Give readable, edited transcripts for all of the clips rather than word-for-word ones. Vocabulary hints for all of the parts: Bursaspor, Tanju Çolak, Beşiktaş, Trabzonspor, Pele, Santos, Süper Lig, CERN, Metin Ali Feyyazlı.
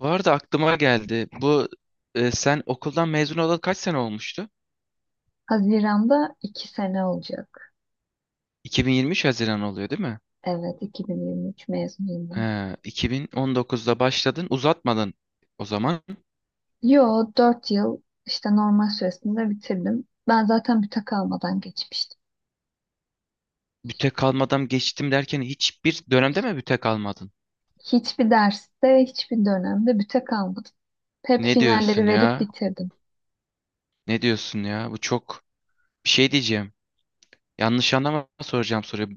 Bu arada aklıma geldi. Bu sen okuldan mezun olalı kaç sene olmuştu? Haziran'da iki sene olacak. 2023 Haziran oluyor değil mi? Evet, 2023 mezunuyum ben. 2019'da başladın, uzatmadın o zaman. Yo, dört yıl işte normal süresinde bitirdim. Ben zaten büte kalmadan geçmiştim. Büte kalmadan geçtim derken hiçbir dönemde mi büte kalmadın? Hiçbir derste, hiçbir dönemde büte kalmadım. Hep Ne finalleri diyorsun verip ya? bitirdim. Ne diyorsun ya? Bu çok bir şey diyeceğim. Yanlış anlama soracağım soruyu.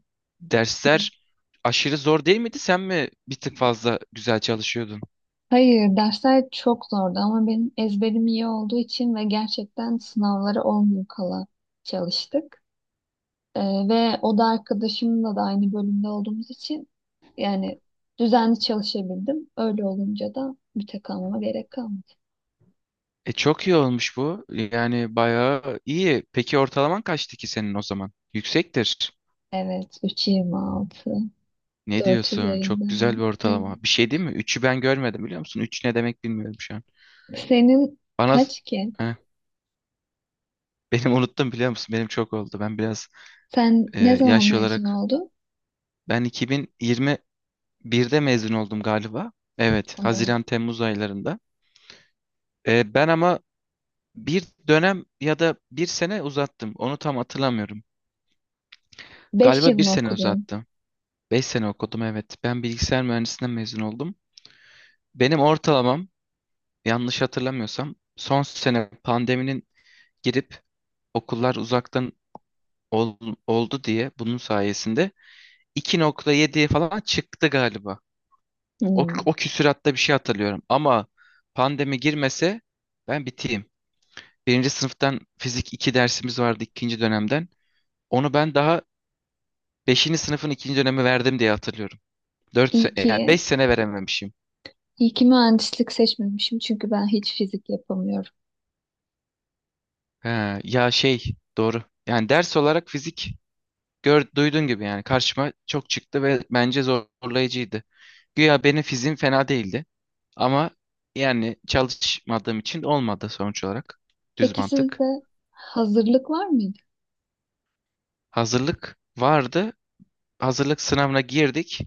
Dersler aşırı zor değil miydi? Sen mi bir tık fazla güzel çalışıyordun? Hayır, dersler çok zordu ama benim ezberim iyi olduğu için ve gerçekten sınavlara 10 gün kala çalıştık. Ee, Ve o da arkadaşımla da aynı bölümde olduğumuz için yani düzenli çalışabildim. Öyle olunca da müte kalmama gerek kalmadı. E çok iyi olmuş bu. Yani bayağı iyi. Peki ortalaman kaçtı ki senin o zaman? Yüksektir. Evet, 3,26, Ne 4 diyorsun? Çok güzel üzerinden. bir ortalama. Evet. Bir şey değil mi? Üçü ben görmedim biliyor musun? Üç ne demek bilmiyorum şu an. Senin Bana kaç ki? Heh, benim unuttum biliyor musun? Benim çok oldu. Ben biraz Sen ne zaman yaş mezun olarak oldun? ben 2021'de mezun oldum galiba. Evet, Oo, Haziran Temmuz aylarında. Ben ama bir dönem ya da bir sene uzattım. Onu tam hatırlamıyorum. 5 yıl Galiba bir mı sene okudun? uzattım. 5 sene okudum, evet. Ben bilgisayar mühendisliğinden mezun oldum. Benim ortalamam yanlış hatırlamıyorsam son sene pandeminin girip okullar uzaktan ol- oldu diye bunun sayesinde iki nokta yediye falan çıktı galiba. O, Hmm. o küsüratta bir şey hatırlıyorum ama pandemi girmese ben biteyim. Birinci sınıftan fizik 2 dersimiz vardı ikinci dönemden. Onu ben daha beşinci sınıfın ikinci dönemi verdim diye hatırlıyorum. 4 İyi yani ki, 5 sene verememişim. iyi ki mühendislik seçmemişim çünkü ben hiç fizik yapamıyorum. He, ya şey doğru. Yani ders olarak fizik gör, duyduğun gibi yani karşıma çok çıktı ve bence zorlayıcıydı. Güya benim fizim fena değildi ama yani çalışmadığım için olmadı sonuç olarak. Düz Peki mantık. sizde hazırlık var mıydı? Hazırlık vardı. Hazırlık sınavına girdik.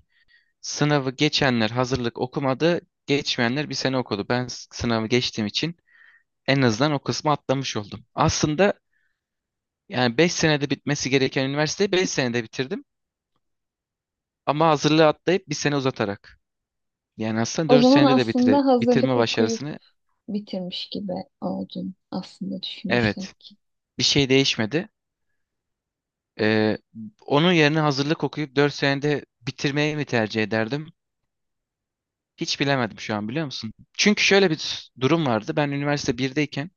Sınavı geçenler hazırlık okumadı. Geçmeyenler bir sene okudu. Ben sınavı geçtiğim için en azından o kısmı atlamış oldum. Aslında yani 5 senede bitmesi gereken üniversiteyi 5 senede bitirdim. Ama hazırlığı atlayıp bir sene uzatarak. Yani aslında O 4 zaman senede de aslında bitirme hazırlık okuyup başarısını bitirmiş gibi oldun aslında evet düşünürsek. bir şey değişmedi. Ee, onun yerine hazırlık okuyup 4 senede bitirmeyi mi tercih ederdim? Hiç bilemedim şu an biliyor musun? Çünkü şöyle bir durum vardı. Ben üniversite birdeyken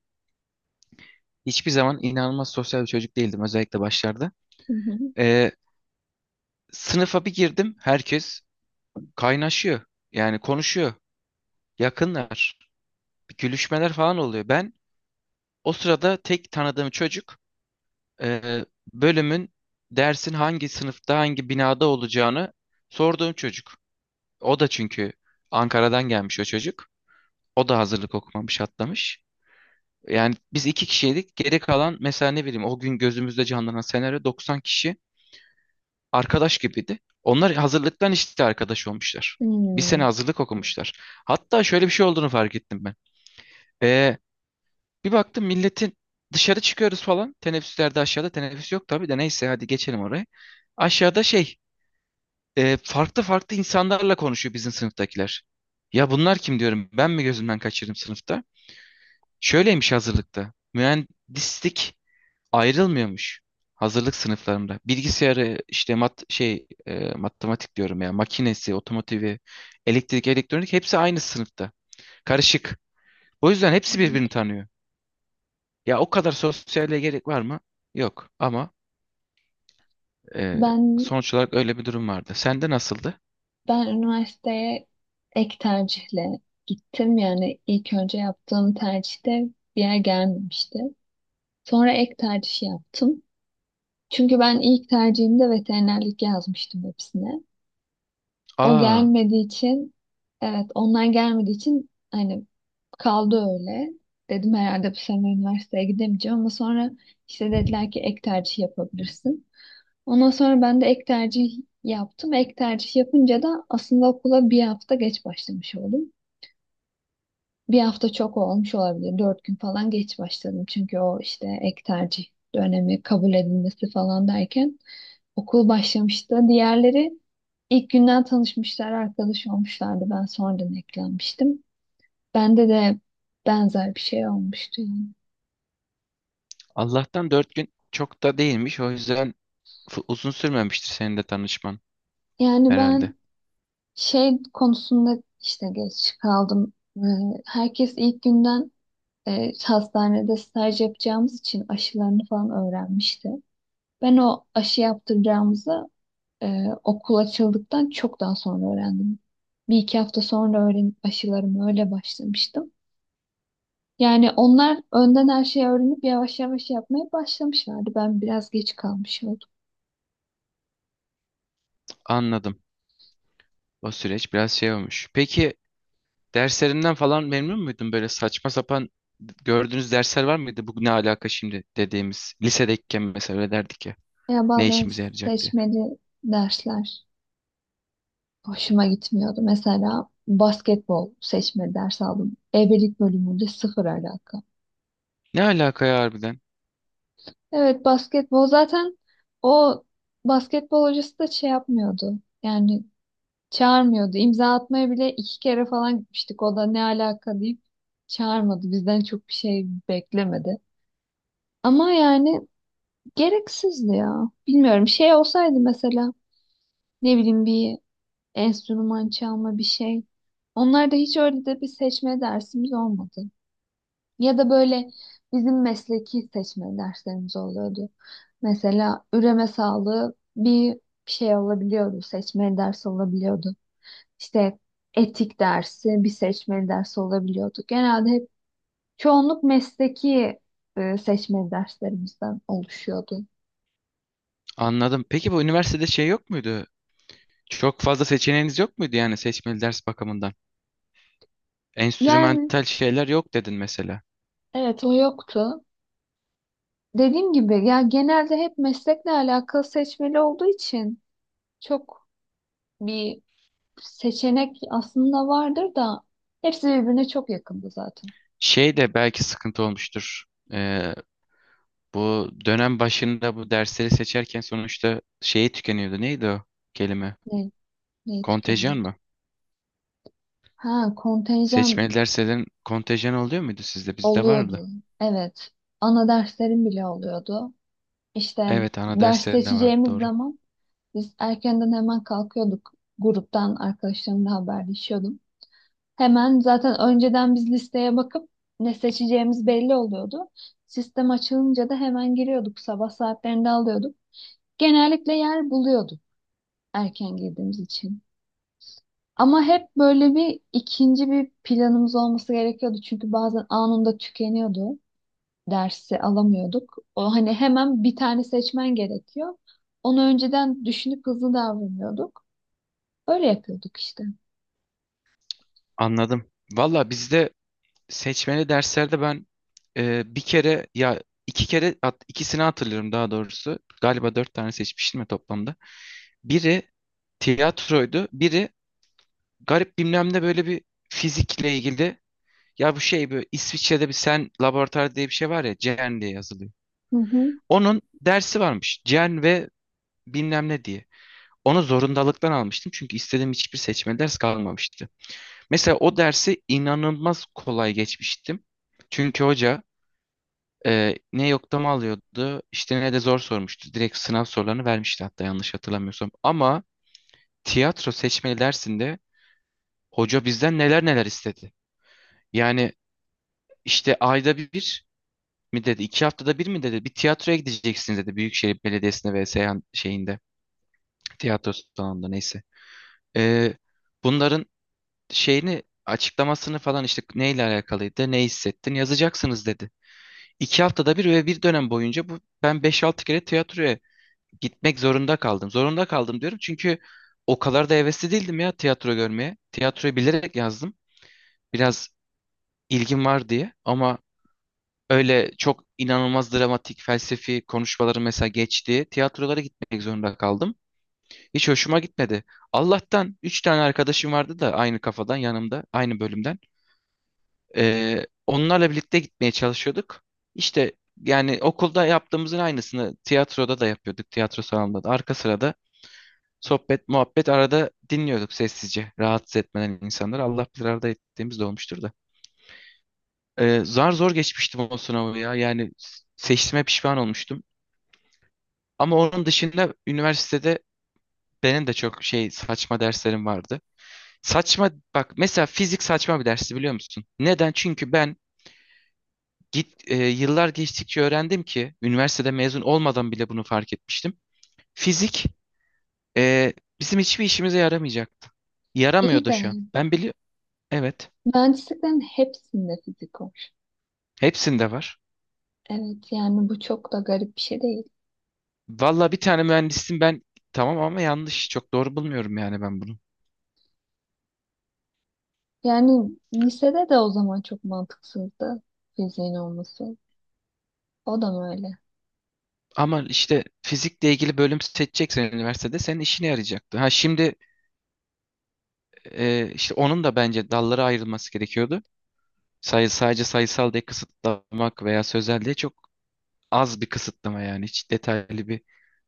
hiçbir zaman inanılmaz sosyal bir çocuk değildim, özellikle başlarda. Hı hı. Ee, sınıfa bir girdim, herkes kaynaşıyor. Yani konuşuyor. Yakınlar. Gülüşmeler falan oluyor. Ben o sırada tek tanıdığım çocuk e, bölümün dersin hangi sınıfta hangi binada olacağını sorduğum çocuk. O da çünkü Ankara'dan gelmiş o çocuk. O da hazırlık okumamış, atlamış. Yani biz iki kişiydik. Geri kalan, mesela ne bileyim, o gün gözümüzde canlanan senaryo 90 kişi arkadaş gibiydi. Onlar hazırlıktan işte arkadaş olmuşlar. Bir sene Hmm. hazırlık okumuşlar. Hatta şöyle bir şey olduğunu fark ettim ben. Ee, bir baktım milletin dışarı çıkıyoruz falan. Teneffüslerde aşağıda, teneffüs yok tabii de neyse hadi geçelim oraya. Aşağıda şey farklı farklı insanlarla konuşuyor bizim sınıftakiler. Ya bunlar kim diyorum, ben mi gözümden kaçırdım sınıfta? Şöyleymiş hazırlıkta. Mühendislik ayrılmıyormuş hazırlık sınıflarında. Bilgisayarı işte mat şey matematik diyorum ya, makinesi, otomotivi, elektrik, elektronik hepsi aynı sınıfta. Karışık. O yüzden hepsi Anladım. birbirini tanıyor. Ya o kadar sosyalliğe gerek var mı? Yok ama e, Ben sonuç olarak öyle bir durum vardı. Sende nasıldı? ben üniversiteye ek tercihle gittim. Yani ilk önce yaptığım tercihte bir yer gelmemişti. Sonra ek tercih yaptım. Çünkü ben ilk tercihimde veterinerlik yazmıştım hepsine. O Aa gelmediği için, evet onlar gelmediği için hani kaldı öyle. Dedim herhalde bu sene üniversiteye gidemeyeceğim ama sonra işte dediler ki ek tercih yapabilirsin. Ondan sonra ben de ek tercih yaptım. Ek tercih yapınca da aslında okula bir hafta geç başlamış oldum. Bir hafta çok olmuş olabilir. Dört gün falan geç başladım. Çünkü o işte ek tercih dönemi kabul edilmesi falan derken okul başlamıştı. Diğerleri ilk günden tanışmışlar, arkadaş olmuşlardı. Ben sonradan eklenmiştim. Bende de benzer bir şey olmuştu yani. Allah'tan dört gün çok da değilmiş. O yüzden uzun sürmemiştir senin de tanışman Yani herhalde. ben şey konusunda işte geç kaldım. Herkes ilk günden hastanede staj yapacağımız için aşılarını falan öğrenmişti. Ben o aşı yaptıracağımızı e, okul açıldıktan çok daha sonra öğrendim. Bir iki hafta sonra öğrenip aşılarımı öyle başlamıştım. Yani onlar önden her şeyi öğrenip yavaş yavaş yapmaya başlamışlardı. Ben biraz geç kalmış oldum. Anladım. O süreç biraz şey olmuş. Peki derslerinden falan memnun muydun? Böyle saçma sapan gördüğünüz dersler var mıydı? Bu ne alaka şimdi dediğimiz. Lisedeyken mesela öyle derdik ya. Ya Ne bazen işimize yarayacak diye. seçmeli dersler hoşuma gitmiyordu. Mesela basketbol seçmeli ders aldım. Ebelik bölümünde sıfır alaka. Ne alaka ya harbiden? Evet basketbol zaten o basketbol hocası da şey yapmıyordu. Yani çağırmıyordu. İmza atmaya bile iki kere falan gitmiştik. O da ne alaka deyip çağırmadı. Bizden çok bir şey beklemedi. Ama yani gereksizdi ya. Bilmiyorum. Şey olsaydı mesela ne bileyim bir enstrüman çalma bir şey. Onlar da hiç öyle de bir seçme dersimiz olmadı. Ya da böyle bizim mesleki seçme derslerimiz oluyordu. Mesela üreme sağlığı bir şey olabiliyordu. Seçme dersi olabiliyordu. İşte etik dersi, bir seçmeli ders olabiliyordu. Genelde hep çoğunluk mesleki seçmeli derslerimizden oluşuyordu. Anladım. Peki bu üniversitede şey yok muydu? Çok fazla seçeneğiniz yok muydu yani seçmeli ders bakımından? Yani Enstrümantal şeyler yok dedin mesela. evet o yoktu. Dediğim gibi ya genelde hep meslekle alakalı seçmeli olduğu için çok bir seçenek aslında vardır da hepsi birbirine çok yakındı zaten. Şey de belki sıkıntı olmuştur. Ee, Bu dönem başında bu dersleri seçerken sonuçta şeyi tükeniyordu. Neydi o kelime? Ne, neyi Kontenjan tükeniyordu? mı? Ha kontenjan Seçmeli derslerin kontenjanı oluyor muydu sizde? Bizde vardı. oluyordu. Evet. Ana derslerim bile oluyordu. İşte Evet, ana ders derslerinde vardı seçeceğimiz doğru. zaman biz erkenden hemen kalkıyorduk. Gruptan arkadaşlarımla haberleşiyordum. Hemen zaten önceden biz listeye bakıp ne seçeceğimiz belli oluyordu. Sistem açılınca da hemen giriyorduk. Sabah saatlerinde alıyorduk. Genellikle yer buluyorduk erken girdiğimiz için. Ama hep böyle bir ikinci bir planımız olması gerekiyordu. Çünkü bazen anında tükeniyordu. Dersi alamıyorduk. O hani hemen bir tane seçmen gerekiyor. Onu önceden düşünüp hızlı davranıyorduk. Öyle yapıyorduk işte. Anladım. Valla bizde seçmeli derslerde ben bir kere ya iki kere at, ikisini hatırlıyorum daha doğrusu. Galiba dört tane seçmiştim ya toplamda. Biri tiyatroydu. Biri garip bilmem ne, böyle bir fizikle ilgili. Ya bu şey, böyle İsviçre'de bir sen laboratuvar diye bir şey var ya, CERN diye yazılıyor. Hı hı. Onun dersi varmış. CERN ve bilmem ne diye. Onu zorundalıktan almıştım çünkü istediğim hiçbir seçme ders kalmamıştı. Mesela o dersi inanılmaz kolay geçmiştim. Çünkü hoca ne yoklama alıyordu işte ne de zor sormuştu. Direkt sınav sorularını vermişti hatta, yanlış hatırlamıyorsam. Ama tiyatro seçmeli dersinde hoca bizden neler neler istedi. Yani işte ayda bir mi dedi? İki haftada bir mi dedi? Bir tiyatroya gideceksiniz dedi. Büyükşehir Belediyesi'nde ve Seyhan şeyinde. Tiyatro salonunda neyse. Ee, bunların şeyini açıklamasını falan, işte neyle alakalıydı, ne hissettin yazacaksınız dedi. İki haftada bir ve bir dönem boyunca bu, ben beş altı kere tiyatroya gitmek zorunda kaldım. Zorunda kaldım diyorum çünkü o kadar da hevesli değildim ya tiyatro görmeye. Tiyatroyu bilerek yazdım. Biraz ilgim var diye ama öyle çok inanılmaz dramatik felsefi konuşmaları mesela geçti. Tiyatrolara gitmek zorunda kaldım. Hiç hoşuma gitmedi. Allah'tan 3 tane arkadaşım vardı da aynı kafadan yanımda, aynı bölümden. Onlarla birlikte gitmeye çalışıyorduk. İşte yani okulda yaptığımızın aynısını tiyatroda da yapıyorduk. Tiyatro salonunda da arka sırada sohbet, muhabbet arada dinliyorduk sessizce. Rahatsız etmeden insanları, Allah bilir arada ettiğimiz de olmuştur da. Zar zor geçmiştim o sınavı ya. Yani seçtiğime pişman olmuştum. Ama onun dışında üniversitede benim de çok şey saçma derslerim vardı. Saçma bak, mesela fizik saçma bir dersi biliyor musun? Neden? Çünkü ben yıllar geçtikçe öğrendim ki, üniversitede mezun olmadan bile bunu fark etmiştim. Fizik e, bizim hiçbir işimize yaramayacaktı. Yaramıyor İyi da de şu an. Ben biliyorum. Evet. mühendisliklerin hepsinde fizik var. Hepsinde var. Evet yani bu çok da garip bir şey değil. Valla bir tane mühendisim ben, tamam ama yanlış. Çok doğru bulmuyorum yani ben bunu. Yani lisede de o zaman çok mantıksızdı fiziğin olması. O da mı öyle? Ama işte fizikle ilgili bölüm seçeceksen üniversitede senin işine yarayacaktı. Ha şimdi işte onun da bence dallara ayrılması gerekiyordu. Sayı, sadece sayısal diye kısıtlamak veya sözel diye çok az bir kısıtlama, yani hiç detaylı bir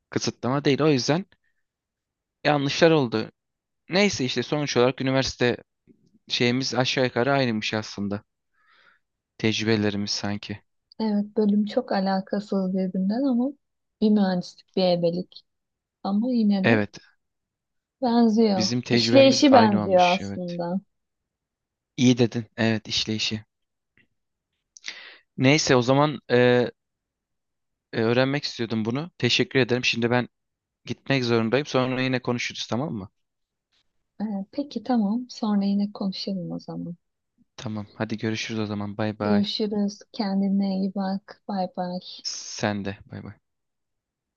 kısıtlama değil. O yüzden yanlışlar oldu. Neyse işte sonuç olarak üniversite şeyimiz aşağı yukarı aynıymış aslında. Tecrübelerimiz sanki. Evet bölüm çok alakasız birbirinden ama bir mühendislik bir ebelik. Ama yine de Evet, benziyor. bizim tecrübemiz İşleyişi aynı benziyor olmuş. Evet. aslında. İyi dedin. Evet, işleyişi. Neyse o zaman öğrenmek istiyordum bunu. Teşekkür ederim. Şimdi ben gitmek zorundayım. Sonra yine konuşuruz, tamam mı? Peki tamam. Sonra yine konuşalım o zaman. Tamam. Hadi görüşürüz o zaman. Bay bay. Görüşürüz. Kendine iyi bak. Bay bay. Sen de. Bay bay.